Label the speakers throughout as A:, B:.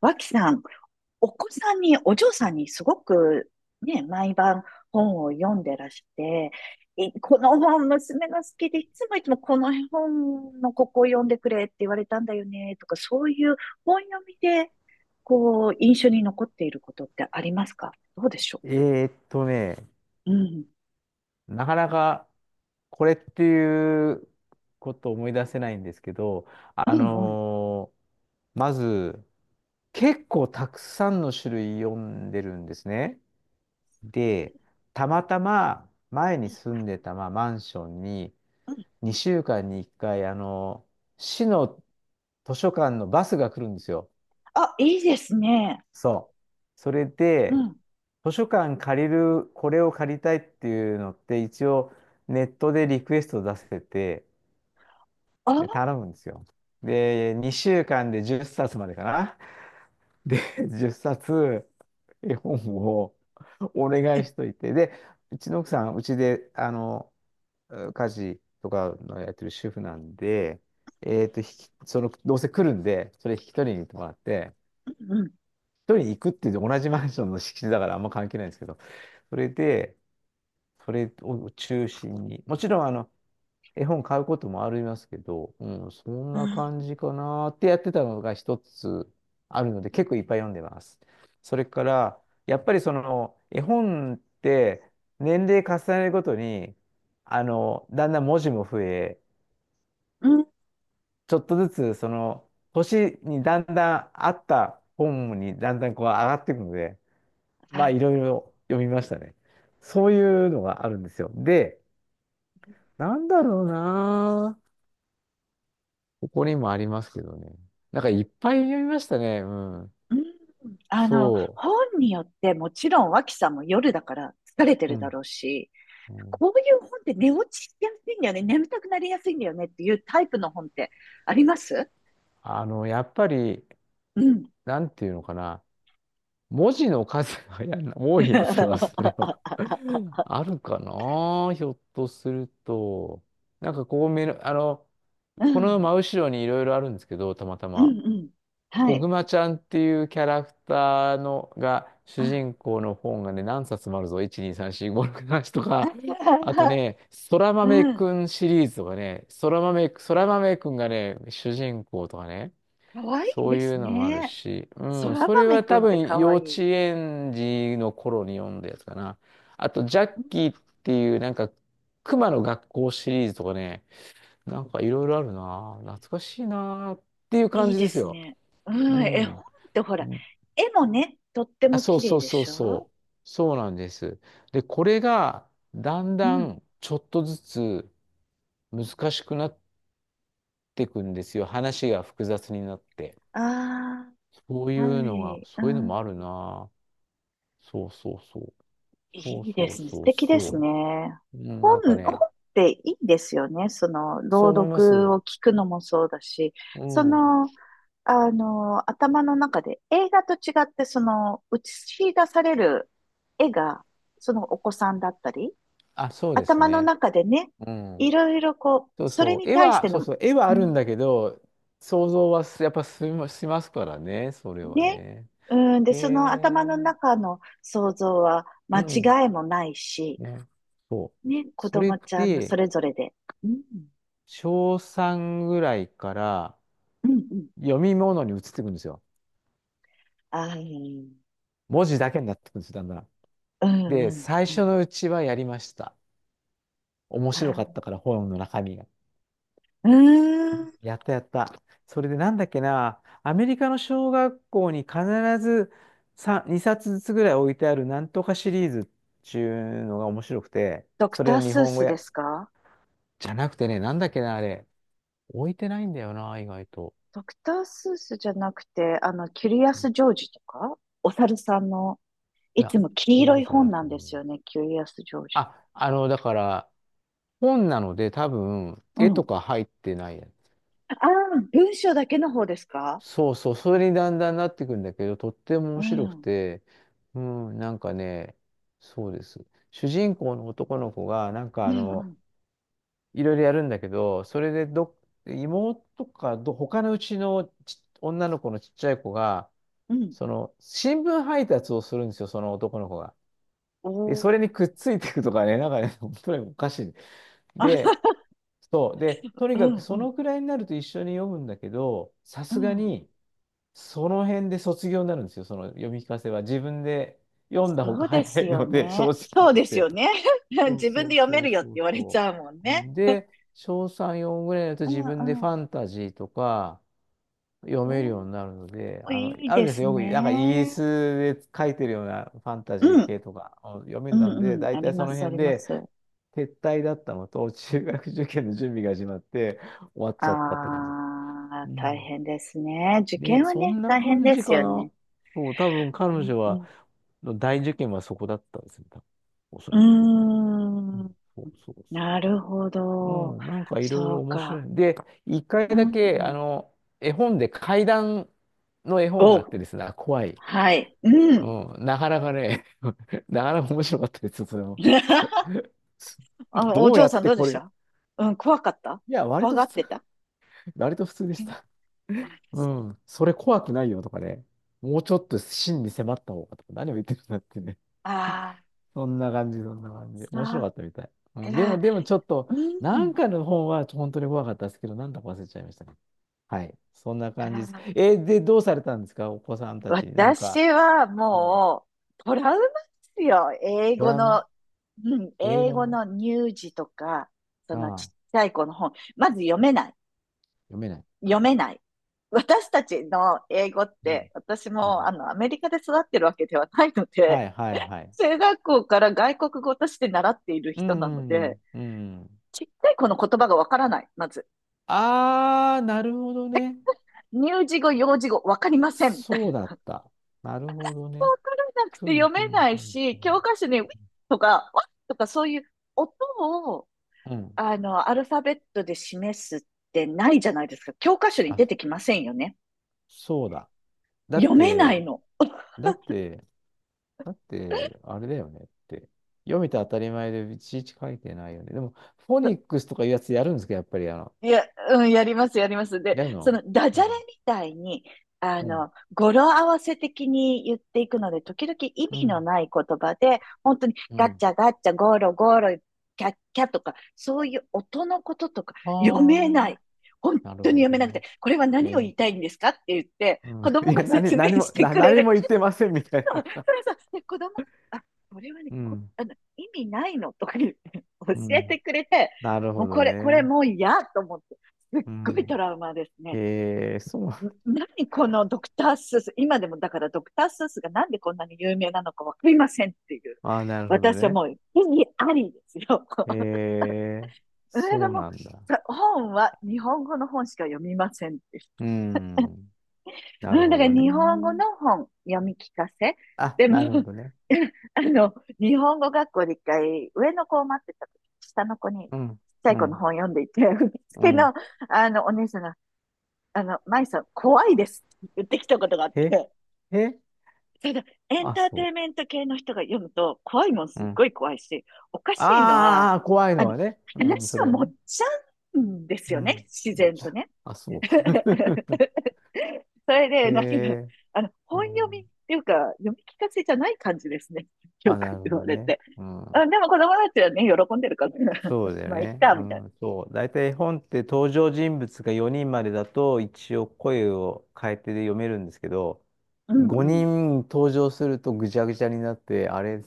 A: 脇さん、お子さんに、お嬢さんにすごくね、毎晩本を読んでらして、この本娘が好きで、いつもこの本のここを読んでくれって言われたんだよね、とか、そういう本読みで、こう、印象に残っていることってありますか、どうでしょ
B: えーっとね、
A: う。うん。
B: なかなかこれっていうことを思い出せないんですけど、
A: う
B: あ
A: んうん。
B: のーまず、結構たくさんの種類読んでるんですね。で、たまたま前に住んでた、まあ、マンションに
A: うん。
B: 2週間に1回、市の図書館のバスが来るんですよ。
A: あ、いいですね。
B: そう。それ
A: う
B: で、
A: ん。
B: 図書館借りる、これを借りたいっていうのって、一応ネットでリクエスト出せて、
A: あ、は
B: で、頼むんですよ。で、2週間で10冊までかな。で、10冊絵本をお願い
A: い。
B: しといて、で、うちの奥さん、うちで、家事とかのやってる主婦なんで、えっと、引きその、どうせ来るんで、それ引き取りに行ってもらって、
A: うんうん。
B: 一人で行くっていう同じマンションの敷地だからあんま関係ないんですけど、それで、それを中心に、もちろん絵本買うこともありますけど、うん、そん
A: う
B: な
A: ん。
B: 感じかなってやってたのが一つあるので、結構いっぱい読んでます。それから、やっぱり絵本って年齢重ねるごとに、だんだん文字も増え、
A: うん。
B: ちょっとずつ年にだんだんあった本にだんだんこう上がっていくので、まあ、いろいろ読みましたね。そういうのがあるんですよ。で、なんだろうなぁ。ここにもありますけどね。なんかいっぱい読みましたね。うん。
A: うん、
B: そ
A: 本によってもちろん脇さんも夜だから疲れて
B: う。う
A: るだ
B: ん。
A: ろうし、
B: うん
A: こういう本って寝落ちしやすいんだよね、眠たくなりやすいんだよねっていうタイプの本ってあります？
B: あの、やっぱり、
A: うん。
B: なんていうのかな。文字の数が多いやつは、それは あるかな。ひょっとすると。なんかこう目の、あの、
A: う
B: この
A: ん。
B: 真後ろにいろいろあるんですけど、たまた
A: うん。
B: ま。
A: うん。は
B: こ
A: い。
B: ぐまちゃんっていうキャラクターのが主人公の本がね、何冊もあるぞ。1、2、3、4、5、6、7と
A: う
B: か。
A: ん。
B: あと ね、そら
A: う
B: 豆
A: ん。
B: くんシリーズとかね、そら豆くんがね、主人公とかね、
A: かわいい
B: そう
A: で
B: い
A: す
B: うのもある
A: ね。
B: し、う
A: そ
B: ん、
A: ら
B: それ
A: 豆
B: は
A: く
B: 多
A: んって
B: 分
A: か
B: 幼
A: わいい。
B: 稚園児の頃に読んだやつかな。あと、ジャッ
A: うん。
B: キーっていう熊の学校シリーズとかね、なんかいろいろあるな。懐かしいなっていう感
A: いい
B: じ
A: で
B: です
A: す
B: よ。
A: ね。う
B: う
A: ん。絵本
B: ん。
A: ってほら、絵もね、とって
B: あ、
A: も
B: そう
A: 綺
B: そ
A: 麗
B: う
A: で
B: そう
A: し
B: そ
A: ょ
B: う。そうなんです。で、これがだん
A: う
B: だ
A: ん。
B: んちょっとずつ難しくなっていくんですよ。話が複雑になって。
A: あ
B: そう
A: あ。
B: い
A: は
B: うのが、
A: い。
B: そ
A: う
B: ういうのもある
A: ん。
B: な。そうそうそう。そう
A: いいで
B: そう
A: すね。素
B: そう
A: 敵ですね。
B: そう。うん、な
A: 本、
B: んか
A: 本
B: ね、
A: っていいですよね。その、
B: そ
A: 朗
B: う思いま
A: 読
B: す。
A: を聞くのもそうだし、
B: う
A: そ
B: ん。
A: の、頭の中で映画と違って、その、映し出される絵が、そのお子さんだったり、
B: あ、そうです
A: 頭の
B: ね。
A: 中でね、
B: う
A: い
B: ん。
A: ろいろこ
B: そ
A: う、
B: う
A: それ
B: そう。
A: に対して
B: そう
A: の、
B: そう。絵は
A: う
B: あるん
A: ん。
B: だけど、想像はすやっぱしましますからね。それは
A: ね、
B: ね。
A: うん、で、
B: へ
A: その頭の
B: え。
A: 中の想像は間
B: うん。
A: 違いもないし、
B: ね。そう。
A: ね、子
B: それっ
A: 供ちゃんの
B: て、
A: それぞれで。うん、
B: 小3ぐらいから
A: うん、うん。
B: 読み物に移っていくんですよ。
A: ああ、うん、
B: 文字だけになっていくんですよ、だんだん。
A: う
B: で、
A: ん、
B: 最
A: う
B: 初
A: ん。
B: のうちはやりました。面白かった
A: あ
B: から、本の中身が。
A: ーうーん。
B: やったやった。それでなんだっけな、アメリカの小学校に必ず2冊ずつぐらい置いてあるなんとかシリーズっていうのが面白くて、
A: ドク
B: そ
A: タ
B: れ
A: ー
B: の日
A: スー
B: 本語
A: スで
B: や、
A: すか？
B: じゃなくてね、なんだっけな、あれ。置いてないんだよな、意外と。
A: ドクタースースじゃなくて、あの、キュリアス・ジョージとか、お猿さんの、
B: い
A: い
B: や、
A: つも黄
B: そ
A: 色
B: う
A: い
B: じゃな
A: 本
B: く
A: な
B: て
A: んです
B: も。
A: よね、キュリアス・ジョージ。
B: あ、だから、本なので多分、
A: う
B: 絵と
A: ん。
B: か入ってないやつ。
A: ああ、文章だけの方ですか？
B: そうそう、それにだんだんなってくんだけど、とっても
A: う
B: 面白く
A: ん、
B: て、うん、なんかね、そうです。主人公の男の子が、
A: うん、うん、
B: いろいろやるんだけど、それでど、妹かど、他のうちの女の子のちっちゃい子が、
A: うん。
B: その、新聞配達をするんですよ、その男の子が。
A: お
B: で、そ
A: ー、
B: れにくっついていくとかね、なんかね、本当におかしい。
A: あ、
B: で、そう。で、と
A: う
B: にかく
A: ん、う
B: そ
A: ん、
B: のくらいになると一緒に読むんだけど、さ
A: う
B: すが
A: ん。
B: に、その辺で卒業になるんですよ、その読み聞かせは。自分で読んだ方
A: そ
B: が
A: うで
B: 早
A: す
B: い
A: よ
B: ので、正
A: ね。
B: 直言
A: そ
B: っ
A: うですよ
B: て。
A: ね。
B: そう
A: 自分
B: そう
A: で読め
B: そう
A: るよって
B: そう
A: 言われち
B: そ
A: ゃうもん
B: う。う
A: ね。
B: ん。で、小3、4ぐらいになると
A: うん
B: 自分で
A: う
B: ファ
A: ん。
B: ンタジーとか、読める
A: お
B: ようになるので、
A: ー、いい
B: ある
A: で
B: です
A: す
B: よ、よく、なんかイギリ
A: ね。
B: スで書いてるようなファンタジ
A: う
B: ー
A: ん。
B: 系とか、読め
A: う
B: るので、
A: んうん。
B: 大
A: あり
B: 体そ
A: ま
B: の
A: す、あ
B: 辺
A: りま
B: で
A: す。あ
B: 撤退だったのと、中学受験の準備が始まって、終わっちゃったって感じです。
A: あ、
B: う
A: 大
B: ん。
A: 変ですね。受
B: で、
A: 験は
B: そ
A: ね、
B: んな
A: 大変
B: 感
A: で
B: じ
A: す
B: か
A: よね。
B: な。そう、多分彼
A: う
B: 女は、
A: ん
B: 大受験はそこだったんですよ、多分おそ
A: う
B: らく。う
A: ん。う
B: ん、
A: ーん。
B: そうそうそ
A: なるほ
B: う。う
A: ど。
B: ん、なんかいろい
A: そ
B: ろ
A: う
B: 面白
A: か。
B: い。で、一回
A: う
B: だ
A: ん
B: け、
A: うん。
B: 絵本で怪談の絵本があっ
A: お、
B: てですね、怖い。
A: はい。うん。
B: うん、なかなかね、なかなか面白かったですよ、それも。
A: あ、お
B: どう
A: 嬢
B: やっ
A: さん
B: て
A: どうで
B: こ
A: し
B: れ、
A: た？うん、怖かった？
B: いや、
A: 怖がってた？
B: 割と普通でし
A: え、
B: た。う
A: 私。
B: ん、それ怖くないよとかね、もうちょっと真に迫った方がとか、何を言ってるんだってね。
A: ああ、
B: そんな感じ、そんな感じ。
A: そう
B: 面白か
A: か。
B: ったみたい。うん、でも、ちょっと、
A: う
B: なん
A: ん。
B: かの本は本当に怖かったですけど、なんだか忘れちゃいましたね。はい。そんな
A: あ
B: 感じです。
A: ー、
B: で、どうされたんですか、お子さんたち。なん
A: 私
B: か、
A: は
B: うん、
A: もう、トラウマですよ。英
B: ド
A: 語
B: ラマ
A: の、うん、
B: 英
A: 英
B: 語
A: 語
B: の
A: の乳児とか、そ
B: あ
A: のちっ
B: あ、
A: ちゃい子の本。まず読めない。
B: 読めない。
A: 読めない。私たちの英語っ
B: う
A: て、
B: ん。
A: 私
B: う
A: も
B: ん。
A: アメリカで育ってるわけではないの
B: は
A: で、
B: いはいはい。
A: 中学校から外国語として習っている
B: う
A: 人なの
B: んう
A: で、
B: んうん。うん。
A: ちっちゃい子の言葉がわからない、まず。
B: なるほどね。
A: 乳児語、幼児語、わかりません、みたい
B: そうだ
A: な。
B: った。なるほど
A: わ
B: ね。
A: からなく
B: ふ
A: て
B: む
A: 読
B: ふ
A: め
B: む
A: ない
B: ふむふ
A: し、教
B: む。
A: 科書に、ウィッとか、ワッとか、そういう音を、
B: うん。
A: あの、アルファベットで示すってないじゃないですか。教科書に
B: あ、
A: 出てきませんよね。
B: そうだ。だっ
A: 読めない
B: て、
A: の。
B: だって、だって、あれだよねって。読めて当たり前でいちいち書いてないよね。でも、フォニックスとかいうやつやるんですか、やっぱり、
A: いや、うん、やります、やります。で、
B: やる
A: そ
B: の。
A: のダ
B: う
A: ジャレ
B: ん。
A: みたいに、あ
B: うん。
A: の、語呂合わせ的に言っていくので、時々意
B: う
A: 味の
B: ん。
A: ない言葉で、本当に
B: う
A: ガッ
B: ん。
A: チャガッチャ、ゴロゴロ、キャッキャとか、そういう音のこととか読め
B: あ
A: ない。本
B: あ、なる
A: 当
B: ほ
A: に読
B: ど
A: めなく
B: ね。
A: て、これは何
B: え
A: を言
B: ー
A: いたいんですかって言って、
B: うん、
A: 子 供
B: いや、
A: が説明してくれ
B: 何
A: る。
B: も言ってませんみたい
A: そう
B: な。
A: そうそう、子供が、あ、これはね、
B: うん、
A: あの、意味ないのとか言って 教
B: う
A: えて
B: ん。
A: くれて、
B: なる
A: も
B: ほ
A: う
B: ど
A: これ、これ
B: ね。
A: もう嫌と思って、すっ
B: う
A: ごいト
B: ん。
A: ラウマですね。
B: えー、そう。
A: ん、何このドクタースース、今でもだからドクタースースがなんでこんなに有名なのかわかりませんっていう。
B: ああ、なるほど
A: 私は
B: ね。
A: もう、意義ありですよ。
B: えー、
A: それが
B: そう
A: もう、
B: なんだ。
A: 本は日本語の本しか読みませんって。
B: うん。なる
A: うん、だ
B: ほ
A: から
B: どね。
A: 日本語の本読み聞かせ。
B: あ、
A: でも、
B: なるほどね。
A: あの、日本語学校で一回、上の子を待ってた時、下の子に、ちっ
B: うん、
A: ちゃい
B: う
A: 子の
B: ん、
A: 本読んでいて、受
B: う
A: 付
B: ん。
A: の、あの、お姉さんが、あの、舞さん、怖いですって言ってきたことがあっ
B: え、
A: て、
B: え、
A: それで、エン
B: あ、
A: ターテ
B: そ
A: インメント系の人が読むと、怖いもん
B: う。
A: すっ
B: うん。
A: ごい怖いし、おかしいのは、
B: ああ、怖い
A: あ
B: の
A: の、
B: はね。うん、そ
A: 話を
B: れは
A: 持っ
B: ね。
A: ちゃうんです
B: う
A: よね、
B: ん。
A: 自
B: も
A: 然
B: ちろ
A: と
B: ん。
A: ね。
B: あ、そう。
A: それ で、なんか、
B: え
A: あの、
B: ー、う
A: 本読みっ
B: ん。
A: ていうか、読み聞かせじゃない感じですね。よ
B: あ、な
A: く
B: るほ
A: 言わ
B: ど
A: れ
B: ね。
A: て。
B: う
A: あ、
B: ん。
A: でも子供たちはね、喜んでるから、
B: そう だよ
A: まあ、いっ
B: ね。
A: か、
B: う
A: みたい
B: ん、そう。大体絵本って登場人物が4人までだと一応声を変えてで読めるんですけど、
A: な。うんう
B: 5
A: ん。
B: 人登場するとぐちゃぐちゃになって、あれ、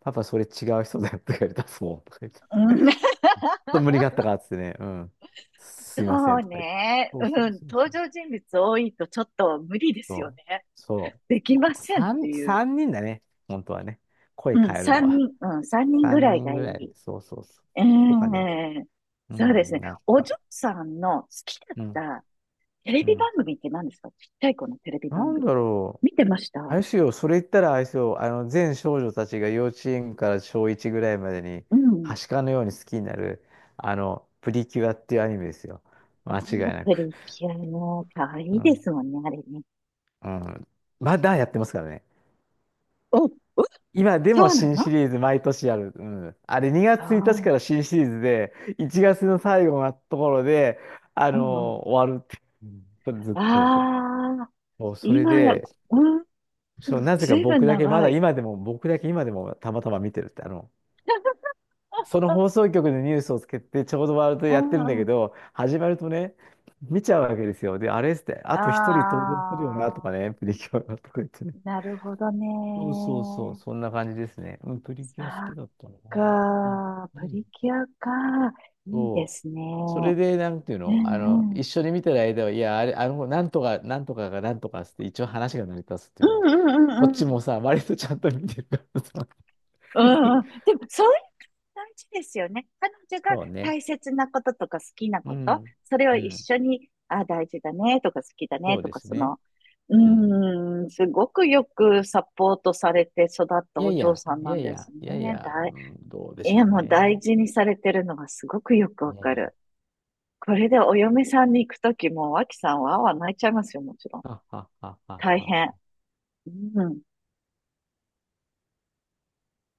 B: パパそれ違う人だよとか言われたすもんとか言って、ち
A: う
B: ょ
A: ん。
B: っと無理があったからっつってね、うん。すいませ
A: そ
B: ん
A: う
B: とか言って。
A: ね。
B: そ
A: う
B: うそう
A: ん。
B: そう
A: 登
B: そう。
A: 場人物多いとちょっと無理ですよ
B: そう。
A: ね。
B: そ
A: できま
B: う。
A: せんって
B: 3、
A: いう。
B: 三人だね。本当はね。声
A: うん。
B: 変えるの
A: 三
B: は。
A: 人、うん。三人ぐ
B: 3
A: らい
B: 人
A: がい
B: ぐらい。
A: い。
B: そうそうそう。
A: え
B: とかね。
A: え。
B: う
A: そうです
B: ん、
A: ね。
B: なん
A: お嬢
B: か。
A: さんの好きだっ
B: うん。
A: たテレ
B: う
A: ビ
B: ん。
A: 番組って何ですか？ちっちゃい子のテレビ
B: な
A: 番
B: ん
A: 組。
B: だろう。
A: 見てました？
B: あれですよ、それ言ったらあれですよ、全少女たちが幼稚園から小1ぐらいまでに、
A: うん。
B: はしかのように好きになる、プリキュアっていうアニメですよ。
A: ア、
B: 間違いな
A: プ
B: く。
A: リキュアも可愛
B: う
A: いで
B: ん。
A: すもんね、あれね。
B: うん。まだやってますからね。
A: お、
B: 今でも
A: そうな
B: 新シ
A: の？
B: リーズ毎年やる。うん。あれ2月1日
A: あ
B: か
A: あ
B: ら新シリーズで、1月の最後のところで、あ
A: ー、うんうん。
B: の終わるって。うん。それずっとそう。
A: ああ、
B: そう、それ
A: 今や、
B: で、
A: うん、
B: そう、なぜ
A: ず
B: か
A: いぶん長い。
B: 僕だけ今でもたまたま見てるって、そ の
A: あ、
B: 放送局でニュースをつけて、ちょうどワールド
A: う
B: やってるんだ
A: んう
B: け
A: ん。
B: ど、始まるとね、見ちゃうわけですよ。で、あれっつって、あ
A: あ
B: と一人登場するよな、と
A: あ、
B: かね、プリキュアがとか言ってね。
A: なるほどね。
B: そうそうそう、そんな感じですね。うん、プリ
A: そ
B: キュア好き
A: っ
B: だったな。うん。
A: か、ー、
B: う
A: プ
B: ん。
A: リキュアか。いいで
B: そう。
A: すね。
B: それで、なんていう
A: う
B: の、
A: んう
B: 一
A: ん。
B: 緒に見てる間は、いや、あれ、なんとか、なんとかがなんとかっつって、一応話が成り立つっていうね。
A: うんうんう
B: こっ
A: んう
B: ち
A: ん。
B: もさ、割とちゃんと見てるからさ。
A: うん うん、でも、そ、大事ですよね。彼女が
B: そうね。
A: 大切なこととか好きな
B: う
A: こと、
B: ん。
A: それを
B: う
A: 一
B: ん。
A: 緒に、あ、大事だねとか好きだね
B: そう
A: と
B: で
A: か、
B: す
A: そ
B: ね。
A: の、
B: うん。
A: うーん、すごくよくサポートされて育った
B: いや
A: お
B: い
A: 嬢
B: や、
A: さん
B: い
A: な
B: や
A: ん
B: い
A: です
B: や、いやい
A: ね。
B: や、う
A: 大、
B: ん。どうで
A: い
B: し
A: や
B: ょう
A: もう
B: ね。
A: 大事にされてるのがすごくよく
B: い
A: わ
B: や
A: か
B: いや、
A: る。これでお嫁さんに行くときも、脇さんはわ、泣いちゃいますよ、もちろん。
B: はははは
A: 大
B: は。
A: 変。うん。